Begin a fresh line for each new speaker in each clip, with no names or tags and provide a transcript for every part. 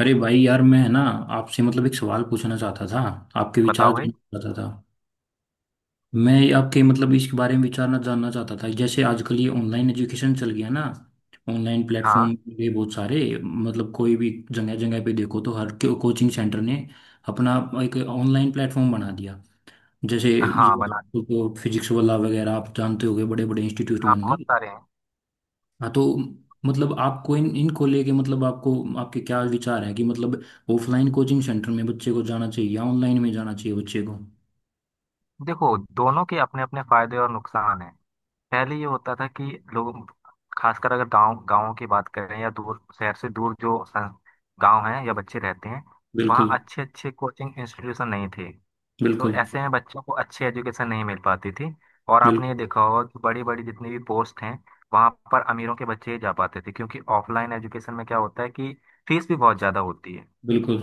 अरे भाई यार, मैं, है ना, आपसे मतलब एक सवाल पूछना चाहता था। आपके विचार
बताओ भाई।
जानना चाहता था। मैं आपके मतलब इसके बारे में विचारना जानना चाहता था। जैसे आजकल ये ऑनलाइन एजुकेशन चल गया ना, ऑनलाइन प्लेटफॉर्म।
हाँ।
ये बहुत सारे मतलब कोई भी जगह जगह पे देखो तो हर कोचिंग सेंटर ने अपना एक ऑनलाइन प्लेटफॉर्म बना दिया, जैसे
हाँ
ये
बना।
तो फिजिक्स वाला वगैरह आप जानते होगे। बड़े बड़े इंस्टीट्यूट
हाँ
बन
बहुत
गए।
सारे हैं।
हाँ, तो मतलब आपको इन इनको लेके मतलब आपको आपके क्या विचार है कि मतलब ऑफलाइन कोचिंग सेंटर में बच्चे को जाना चाहिए या ऑनलाइन में जाना चाहिए बच्चे को।
देखो दोनों के अपने अपने फायदे और नुकसान हैं। पहले ये होता था कि लोग खासकर अगर गांव गांवों की बात करें या दूर शहर से दूर जो गांव हैं या बच्चे रहते हैं, वहाँ
बिल्कुल।
अच्छे अच्छे कोचिंग इंस्टीट्यूशन नहीं थे। तो
बिल्कुल।
ऐसे में बच्चों को अच्छी एजुकेशन नहीं मिल पाती थी। और
बिल,
आपने ये देखा होगा कि बड़ी बड़ी जितनी भी पोस्ट हैं, वहाँ पर अमीरों के बच्चे ही जा पाते थे क्योंकि ऑफलाइन एजुकेशन में क्या होता है कि फीस भी बहुत ज़्यादा होती है।
बिल्कुल।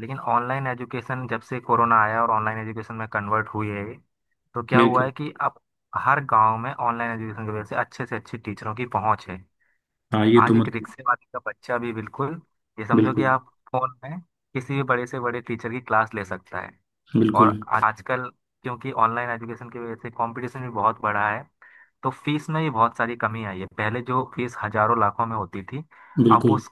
लेकिन ऑनलाइन एजुकेशन जब से कोरोना आया और ऑनलाइन एजुकेशन में कन्वर्ट हुई है, तो क्या हुआ
बिल्कुल।
है कि अब हर गांव में ऑनलाइन एजुकेशन की वजह से अच्छे से अच्छी टीचरों की पहुंच है।
हाँ, ये तो
आज एक
मतलब
रिक्शे वाले का बच्चा भी, बिल्कुल ये समझो कि
बिल्कुल
आप फोन में किसी भी बड़े से बड़े टीचर की क्लास ले सकता है।
बिल्कुल
और आजकल क्योंकि ऑनलाइन एजुकेशन की वजह से कंपटीशन भी बहुत बढ़ा है, तो फीस में भी बहुत सारी कमी आई है। पहले जो फीस हजारों लाखों में होती थी, अब
बिल्कुल।
उस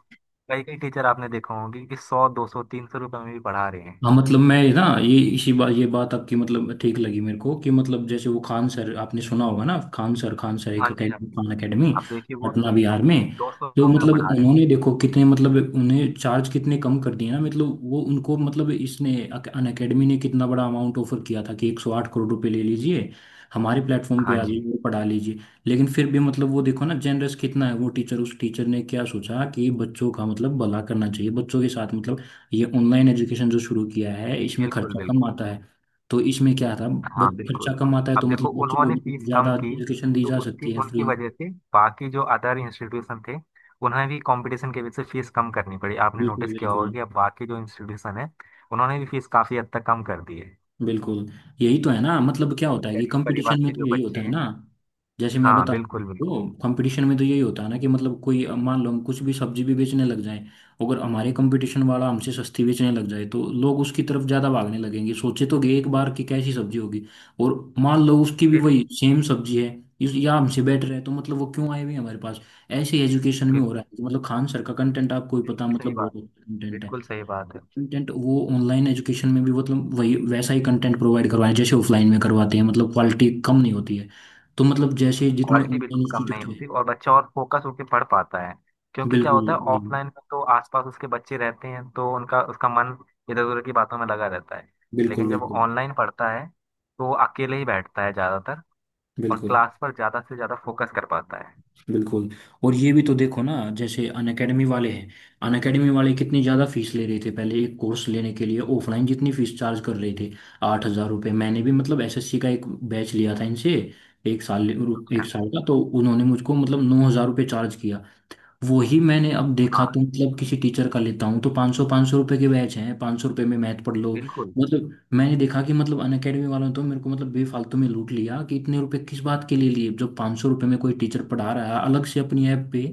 कई कई टीचर आपने देखा होंगे कि 100, 200, 300 रुपये में भी पढ़ा रहे हैं।
हाँ, मतलब मैं ना, ये इसी बात, ये बात आपकी मतलब ठीक लगी मेरे को कि मतलब जैसे वो खान सर, आपने सुना होगा ना, खान सर, खान सर, एक
हाँ जी हाँ
अकेडमी,
जी।
खान अकेडमी,
अब देखिए वो
पटना
सिर्फ
बिहार में।
दो सौ
तो
रुपये
मतलब
पढ़ा रहे हैं।
उन्होंने देखो कितने मतलब उन्हें चार्ज कितने कम कर दिए ना, मतलब वो उनको मतलब इसने अन अकेडमी ने कितना बड़ा अमाउंट ऑफर किया था कि 108 करोड़ रुपए ले लीजिए, हमारे प्लेटफॉर्म पे
हाँ
आ
जी।
जाइए और पढ़ा लीजिए। लेकिन फिर भी मतलब वो देखो ना जेनरस कितना है वो टीचर। उस टीचर ने क्या सोचा कि बच्चों का मतलब भला करना चाहिए। बच्चों के साथ मतलब ये ऑनलाइन एजुकेशन जो शुरू किया है इसमें
बिल्कुल
खर्चा
बिल्कुल।
कम आता है। तो इसमें क्या था,
हाँ
बट खर्चा
बिल्कुल।
कम आता है तो
अब देखो
मतलब बच्चों
उन्होंने
को
फीस कम
ज्यादा
की
एजुकेशन दी
तो
जा
उसकी
सकती है फ्री
उनकी वजह
में।
से बाकी जो अदर इंस्टीट्यूशन थे, उन्हें भी कंपटीशन की वजह से फीस कम करनी पड़ी। आपने
बिल्कुल
नोटिस किया होगा
बिल्कुल
कि अब बाकी जो इंस्टीट्यूशन है, उन्होंने भी फीस काफी हद तक कम कर दी है।
बिल्कुल। यही तो है ना, मतलब क्या होता है कि
गरीब परिवार
कंपटीशन में
के
तो
जो
यही होता
बच्चे
है
हैं,
ना, जैसे मैं
हाँ
बता रहा हूँ।
बिल्कुल बिल्कुल।
तो कंपटीशन में तो यही होता है ना कि मतलब कोई, अब मान लो हम कुछ भी सब्जी भी बेचने लग जाए, अगर हमारे कंपटीशन वाला हमसे सस्ती बेचने लग जाए तो लोग उसकी तरफ ज्यादा भागने लगेंगे। सोचे तो गए एक बार कि कैसी सब्जी होगी, और मान लो उसकी भी
बिल्कुल
वही सेम सब्जी है इस या हमसे बेटर है, तो मतलब वो क्यों आए हुए हैं हमारे पास। ऐसे एजुकेशन में हो रहा है कि मतलब खान सर का कंटेंट, आपको भी पता,
बिल्कुल सही
मतलब
बात।
बहुत अच्छा कंटेंट है।
बिल्कुल सही बात है।
कंटेंट वो ऑनलाइन एजुकेशन में भी मतलब वही, वैसा ही कंटेंट प्रोवाइड करवाएं जैसे ऑफलाइन में करवाते हैं। मतलब क्वालिटी कम नहीं होती है। तो मतलब जैसे जितने
क्वालिटी
ऑनलाइन
बिल्कुल कम
इंस्टीट्यूट
नहीं
है।
होती और बच्चा और फोकस होकर पढ़ पाता है। क्योंकि क्या
बिल्कुल
होता है, ऑफलाइन में तो आसपास उसके बच्चे रहते हैं, तो उनका उसका मन इधर उधर की बातों में लगा रहता है।
बिल्कुल
लेकिन जब वो
बिल्कुल। बिल्कुल
ऑनलाइन पढ़ता है तो वो अकेले ही बैठता है ज्यादातर, और
बिल्कुल
क्लास पर ज्यादा से ज्यादा फोकस कर पाता है।
बिल्कुल। और ये भी तो देखो ना, जैसे अनअकैडमी वाले हैं। अनअकैडमी वाले कितनी ज़्यादा फीस ले रहे थे पहले। एक कोर्स लेने के लिए ऑफलाइन जितनी फीस चार्ज कर रहे थे, 8,000 रुपये। मैंने भी मतलब एसएससी का एक बैच लिया था इनसे, एक साल, एक
अच्छा।
साल का, तो उन्होंने मुझको मतलब 9,000 रुपये चार्ज किया। वही मैंने अब देखा
हाँ
तो मतलब किसी टीचर का लेता हूँ तो 500 सौ रुपए के बैच हैं। ₹500 में मैथ पढ़ लो।
बिल्कुल।
मतलब मैंने देखा कि मतलब अनअकैडमी वालों ने तो मेरे को मतलब बेफालतू में लूट लिया कि इतने रुपए किस बात के लिए लिए जब ₹500 में कोई टीचर पढ़ा रहा है अलग से अपनी ऐप पे।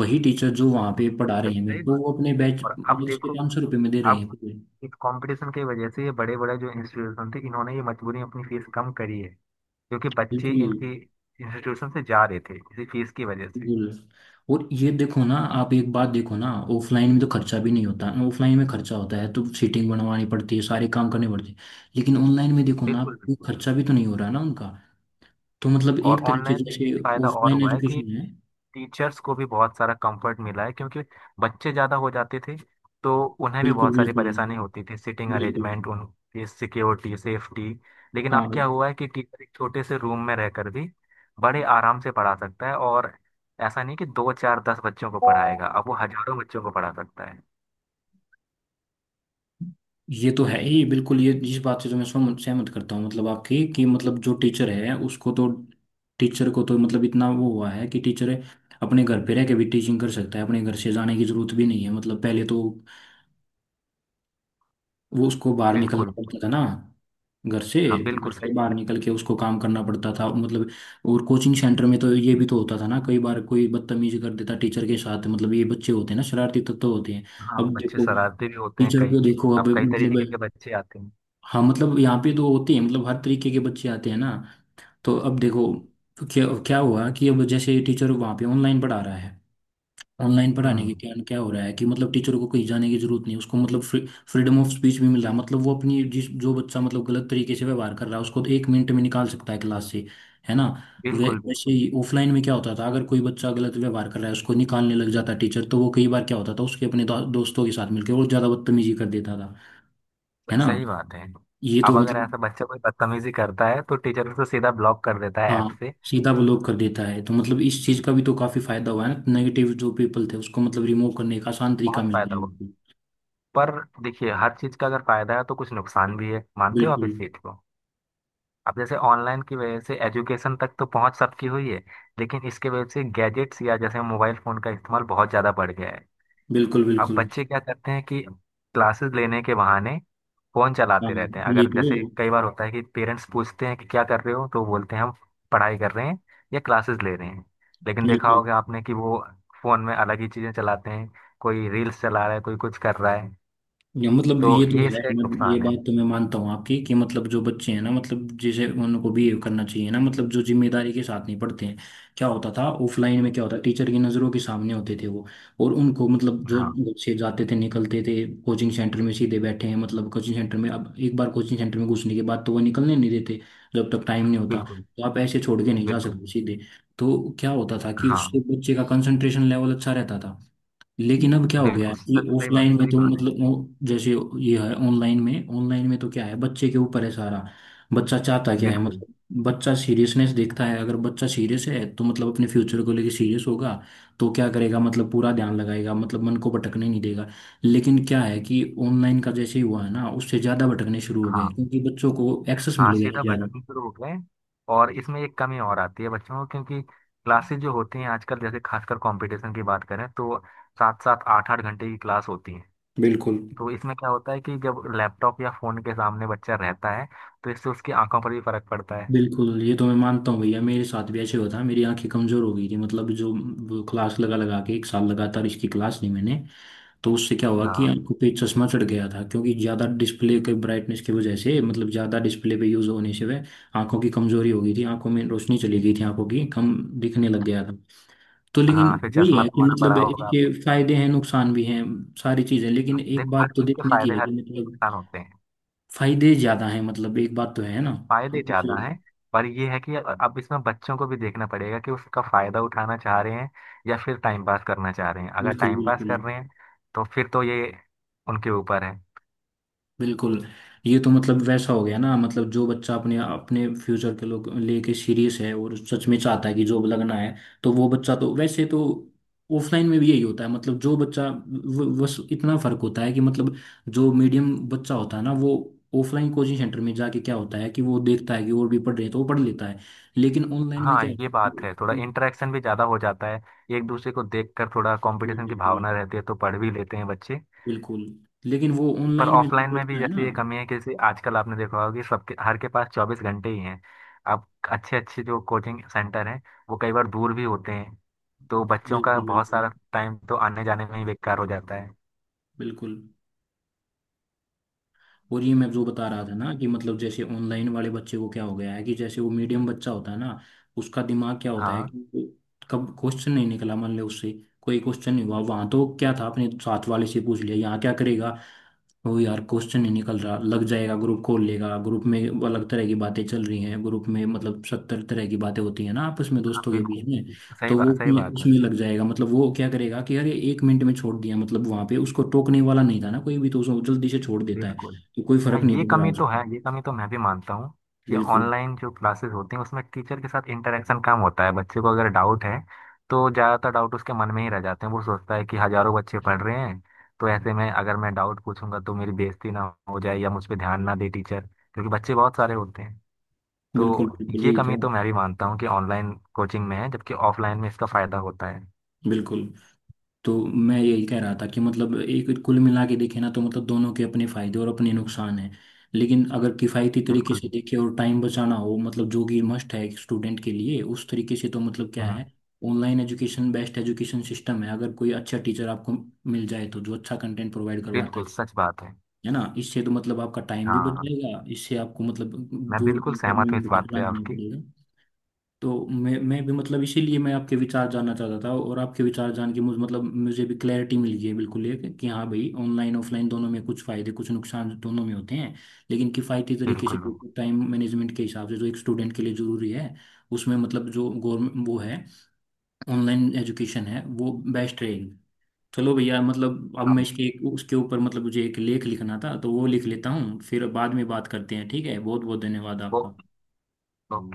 वही टीचर जो वहाँ पे
बिल्कुल
पढ़ा रहे
सही
हैं मेरे
सही
को,
बात।
वो अपने बैच
और अब
अलग से
देखो,
₹500 में दे रहे
अब
हैं।
इस कंपटीशन की वजह से ये बड़े बड़े जो इंस्टीट्यूशन थे, इन्होंने ये मजबूरी अपनी फीस कम करी है क्योंकि बच्चे
बिल्कुल
इनकी इंस्टीट्यूशन से जा रहे थे इसी फीस की वजह से।
बिल्कुल। और ये देखो ना, आप एक बात देखो ना, ऑफलाइन में तो खर्चा भी नहीं होता। ऑफलाइन में खर्चा होता है तो सीटिंग बनवानी पड़ती है, सारे काम करने पड़ते हैं। लेकिन ऑनलाइन में देखो ना,
बिल्कुल
आपको
बिल्कुल।
खर्चा भी तो नहीं हो रहा ना उनका। तो मतलब
और
एक तरह से
ऑनलाइन में
जैसे
एक फायदा और
ऑफलाइन
हुआ है कि
एजुकेशन है।
टीचर्स को भी बहुत सारा कंफर्ट मिला है, क्योंकि बच्चे ज्यादा हो जाते थे, तो उन्हें भी
बिल्कुल
बहुत सारी
बिल्कुल
परेशानी होती थी, सिटिंग
बिल्कुल।
अरेंजमेंट, उनकी सिक्योरिटी, सेफ्टी। लेकिन अब
हाँ,
क्या हुआ है कि टीचर एक छोटे से रूम में रहकर भी बड़े आराम से पढ़ा सकता है। और ऐसा नहीं कि दो चार 10 बच्चों को पढ़ाएगा, अब वो हजारों बच्चों को पढ़ा सकता है।
ये तो है ही बिल्कुल। ये इस बात से तो मैं सहमत सहमत करता हूँ मतलब आपकी कि मतलब जो टीचर है उसको तो, टीचर को तो मतलब इतना वो हुआ है कि टीचर अपने घर पे रह के भी टीचिंग कर सकता है। अपने घर से जाने की जरूरत भी नहीं है। मतलब पहले तो वो उसको बाहर निकलना
बिल्कुल।
पड़ता था ना घर से।
हाँ
घर
बिल्कुल
से
सही।
बाहर निकल के उसको काम करना पड़ता था मतलब। और कोचिंग सेंटर में तो ये भी तो होता था ना, कई बार कोई बदतमीज कर देता टीचर के साथ। मतलब ये बच्चे होते हैं ना, शरारती तत्व होते हैं।
हाँ
अब
बच्चे
देखो
शरारती भी होते हैं
टीचर को,
कई।
देखो अब
अब कई तरीके के
मतलब।
बच्चे आते हैं।
हाँ मतलब यहाँ पे तो होते हैं, मतलब हर तरीके के बच्चे आते हैं ना। तो अब देखो तो क्या क्या हुआ कि अब जैसे टीचर वहाँ पे ऑनलाइन पढ़ा रहा है। ऑनलाइन पढ़ाने के
हम्म।
कारण क्या हो रहा है कि मतलब टीचर को कहीं जाने की जरूरत नहीं, उसको मतलब फ्रीडम ऑफ स्पीच भी मिल रहा है। मतलब वो अपनी जिस, जो बच्चा मतलब गलत तरीके से व्यवहार कर रहा है उसको तो एक मिनट में निकाल सकता है क्लास से, है ना। वे
बिल्कुल
वैसे
बिल्कुल।
ही ऑफलाइन में क्या होता था, अगर कोई बच्चा गलत व्यवहार कर रहा है उसको निकालने लग जाता टीचर, तो वो कई बार क्या होता था, उसके अपने दोस्तों के साथ मिलकर और ज्यादा बदतमीजी कर देता था, है ना।
सही बात है।
ये
अब
तो
अगर
मतलब
ऐसा बच्चा कोई बदतमीजी करता है तो टीचर उसे सीधा ब्लॉक कर देता है ऐप
हाँ,
से।
सीधा ब्लॉक कर देता है तो मतलब इस चीज का भी तो काफी फायदा हुआ है ना। नेगेटिव जो पीपल थे उसको मतलब रिमूव करने का आसान तरीका
बहुत
मिल
फायदा होगा।
गया।
पर देखिए, हर चीज का अगर फायदा है तो कुछ नुकसान भी है, मानते हो आप इस
बिल्कुल
चीज को? अब जैसे ऑनलाइन की वजह से एजुकेशन तक तो पहुंच सबकी हुई है, लेकिन इसके वजह से गैजेट्स या जैसे मोबाइल फोन का इस्तेमाल बहुत ज्यादा बढ़ गया है।
बिल्कुल
अब
बिल्कुल बिल्कुल।
बच्चे क्या करते हैं कि क्लासेस लेने के बहाने फोन
हाँ,
चलाते रहते हैं।
ये
अगर
तो
जैसे
है,
कई बार होता है कि पेरेंट्स पूछते हैं कि क्या कर रहे हो, तो बोलते हैं हम पढ़ाई कर रहे हैं या क्लासेस ले रहे हैं। लेकिन देखा
बिल्कुल।
होगा आपने कि वो फोन में अलग ही चीजें चलाते हैं। कोई रील्स चला रहा है, कोई कुछ कर रहा है।
या मतलब
तो
ये तो
ये
है,
इसका एक
मैं ये
नुकसान है।
बात तो मैं मानता हूँ आपकी कि मतलब जो बच्चे हैं ना, मतलब जैसे उनको बिहेव करना चाहिए ना, मतलब जो जिम्मेदारी के साथ नहीं पढ़ते हैं। क्या होता था ऑफलाइन में, क्या होता, टीचर की नज़रों के सामने होते थे वो। और उनको मतलब जो
हाँ
बच्चे जाते थे, निकलते थे कोचिंग सेंटर में सीधे बैठे हैं। मतलब कोचिंग सेंटर में अब एक बार कोचिंग सेंटर में घुसने के बाद तो वो निकलने नहीं देते जब तक टाइम नहीं होता।
बिल्कुल
तो आप ऐसे छोड़ के नहीं जा
बिल्कुल।
सकते सीधे। तो क्या होता था कि उससे
हाँ
बच्चे का कंसंट्रेशन लेवल अच्छा रहता था। लेकिन अब क्या हो गया है
बिल्कुल
कि ऑफलाइन में
सही
तो
बात है।
मतलब जैसे, ये है ऑनलाइन में। ऑनलाइन में तो क्या है, बच्चे के ऊपर है सारा। बच्चा चाहता क्या है
बिल्कुल।
मतलब। बच्चा सीरियसनेस देखता है, अगर बच्चा सीरियस है तो मतलब अपने फ्यूचर को लेके सीरियस होगा, तो क्या करेगा, मतलब पूरा ध्यान लगाएगा, मतलब मन को भटकने नहीं देगा। लेकिन क्या है कि ऑनलाइन का जैसे ही हुआ है ना, उससे ज़्यादा भटकने शुरू हो गए
हाँ।
क्योंकि बच्चों को एक्सेस
हाँ
मिल गया है
सीधा
ज़्यादा।
भटकने शुरू हो गए। और इसमें एक कमी और आती है बच्चों को, क्योंकि क्लासेस जो होती हैं आजकल जैसे खासकर कंपटीशन की बात करें तो 7-7, 8-8 घंटे की क्लास होती है।
बिल्कुल
तो इसमें क्या होता है कि जब लैपटॉप या फोन के सामने बच्चा रहता है, तो इससे उसकी आंखों पर भी फर्क पड़ता है।
बिल्कुल। ये तो मैं मानता हूँ भैया, मेरे साथ भी ऐसे हुआ था। मेरी आंखें कमजोर हो गई थी मतलब, जो वो क्लास लगा लगा के एक साल लगातार इसकी क्लास ली मैंने, तो उससे क्या हुआ कि
हाँ।
आंखों पे चश्मा चढ़ गया था क्योंकि ज़्यादा डिस्प्ले के ब्राइटनेस की वजह से, मतलब ज़्यादा डिस्प्ले पे यूज़ होने से, वह आंखों की कमजोरी हो गई थी। आंखों में रोशनी चली गई थी, आंखों की कम दिखने लग गया था। तो लेकिन
हाँ फिर
वही
चश्मा
है कि
दबाना
मतलब
पड़ा होगा
इसके
आपको।
फायदे हैं, नुकसान भी हैं, सारी चीज़ें। लेकिन एक
देखो
बात
हर
तो
चीज के
देखने की
फायदे
है
हर
कि
चीज के
मतलब
नुकसान होते हैं।
फायदे ज़्यादा हैं, मतलब एक बात तो है ना। हम
फायदे ज्यादा
उसे-
हैं। पर ये है कि अब इसमें बच्चों को भी देखना पड़ेगा कि उसका फायदा उठाना चाह रहे हैं या फिर टाइम पास करना चाह रहे हैं। अगर
बिल्कुल
टाइम पास
बिल्कुल
कर रहे हैं तो फिर तो ये उनके ऊपर है।
बिल्कुल। ये तो मतलब वैसा हो गया ना, मतलब जो बच्चा अपने अपने फ्यूचर के लोग लेके सीरियस है और सच में चाहता है कि जॉब लगना है, तो वो बच्चा तो वैसे तो ऑफलाइन में भी यही होता है। मतलब जो बच्चा बस इतना फर्क होता है कि मतलब जो मीडियम बच्चा होता है ना, वो ऑफलाइन कोचिंग सेंटर में जाके, क्या होता है कि वो देखता है कि और भी पढ़ रहे हैं तो वो पढ़ लेता है। लेकिन ऑनलाइन में
हाँ
क्या,
ये बात है, थोड़ा
बिल्कुल
इंटरेक्शन भी ज्यादा हो जाता है। एक दूसरे को देखकर थोड़ा कंपटीशन की
बिल्कुल
भावना रहती है तो पढ़ भी लेते हैं बच्चे।
बिल्कुल। लेकिन वो
पर
ऑनलाइन में जो
ऑफलाइन में भी
देखता है ना,
जैसे ये कमी है कि जैसे आजकल आपने देखा होगा कि सबके हर के पास 24 घंटे ही हैं। अब अच्छे अच्छे जो कोचिंग सेंटर हैं वो कई बार दूर भी होते हैं, तो बच्चों का
बिल्कुल
बहुत
बिल्कुल
सारा टाइम तो आने जाने में ही बेकार हो जाता है।
बिल्कुल। और ये मैं जो बता रहा था ना कि मतलब जैसे ऑनलाइन वाले बच्चे को क्या हो गया है कि जैसे वो मीडियम बच्चा होता है ना, उसका दिमाग क्या होता है
हाँ।
कि कब क्वेश्चन नहीं निकला, मान लो उससे कोई क्वेश्चन नहीं हुआ, वहां तो क्या था, अपने साथ वाले से पूछ लिया। यहाँ क्या करेगा वो, यार क्वेश्चन नहीं निकल रहा, लग जाएगा, ग्रुप खोल लेगा ग्रुप में। अलग तरह की बातें चल रही हैं ग्रुप में, मतलब 70 तरह की बातें होती हैं ना आपस में
हाँ
दोस्तों के
बिल्कुल
बीच में।
बिल्कुल
तो वो
सही
उसमें
बात है।
उसमें लग जाएगा। मतलब वो क्या करेगा कि यार ये एक मिनट में छोड़ दिया, मतलब वहां पे उसको टोकने वाला नहीं था ना कोई भी, तो उसको जल्दी से छोड़ देता है।
बिल्कुल।
तो कोई
हाँ
फर्क
ये
नहीं पड़ रहा
कमी तो
उसको।
है, ये कमी तो मैं भी मानता हूँ कि
बिल्कुल
ऑनलाइन जो क्लासेस होती हैं उसमें टीचर के साथ इंटरेक्शन कम होता है। बच्चे को अगर डाउट है तो ज़्यादातर डाउट उसके मन में ही रह जाते हैं। वो सोचता है कि हजारों बच्चे पढ़ रहे हैं, तो ऐसे में अगर मैं डाउट पूछूंगा तो मेरी बेइज्जती ना हो जाए या मुझ पर ध्यान ना दे टीचर, क्योंकि बच्चे बहुत सारे होते हैं।
बिल्कुल
तो
बिल्कुल
ये
यही था।
कमी तो मैं भी मानता हूँ कि ऑनलाइन कोचिंग में है, जबकि ऑफलाइन में इसका फायदा होता है।
बिल्कुल। तो मैं यही कह रहा था कि मतलब एक कुल मिला के देखे ना, तो मतलब दोनों के अपने फायदे और अपने नुकसान हैं। लेकिन अगर किफ़ायती तरीके
बिल्कुल
से
बिल्कुल।
देखे और टाइम बचाना हो, मतलब जो कि मस्ट है एक स्टूडेंट के लिए, उस तरीके से तो मतलब क्या
हम्म।
है, online education best education system है, अगर कोई अच्छा टीचर आपको मिल जाए तो, जो अच्छा कंटेंट प्रोवाइड करवाता है
बिल्कुल सच बात है।
है ना। इससे तो मतलब आपका टाइम भी बच
हाँ
जाएगा, इससे आपको मतलब
मैं
दूर
बिल्कुल
गर्मी
सहमत हूँ
में
इस बात
भटकना
पे
भी नहीं
आपकी।
पड़ेगा। तो मैं भी मतलब इसीलिए मैं आपके विचार जानना चाहता था, और आपके विचार जान के मुझे मतलब, मुझे भी क्लैरिटी मिल गई है बिल्कुल ये कि हाँ भाई, ऑनलाइन ऑफलाइन दोनों में कुछ फायदे, कुछ नुकसान दोनों में होते हैं। लेकिन किफ़ायती तरीके से,
बिल्कुल।
टाइम मैनेजमेंट के हिसाब से, जो एक स्टूडेंट के लिए ज़रूरी है, उसमें मतलब जो गवर्नमेंट वो है, ऑनलाइन एजुकेशन है, वो बेस्ट रहेगी। चलो भैया, मतलब अब मैं
हाँ।
इसके उसके ऊपर मतलब मुझे एक लेख लिखना था तो वो लिख लेता हूँ, फिर बाद में बात करते हैं, ठीक है। बहुत बहुत धन्यवाद
वो-
आपका।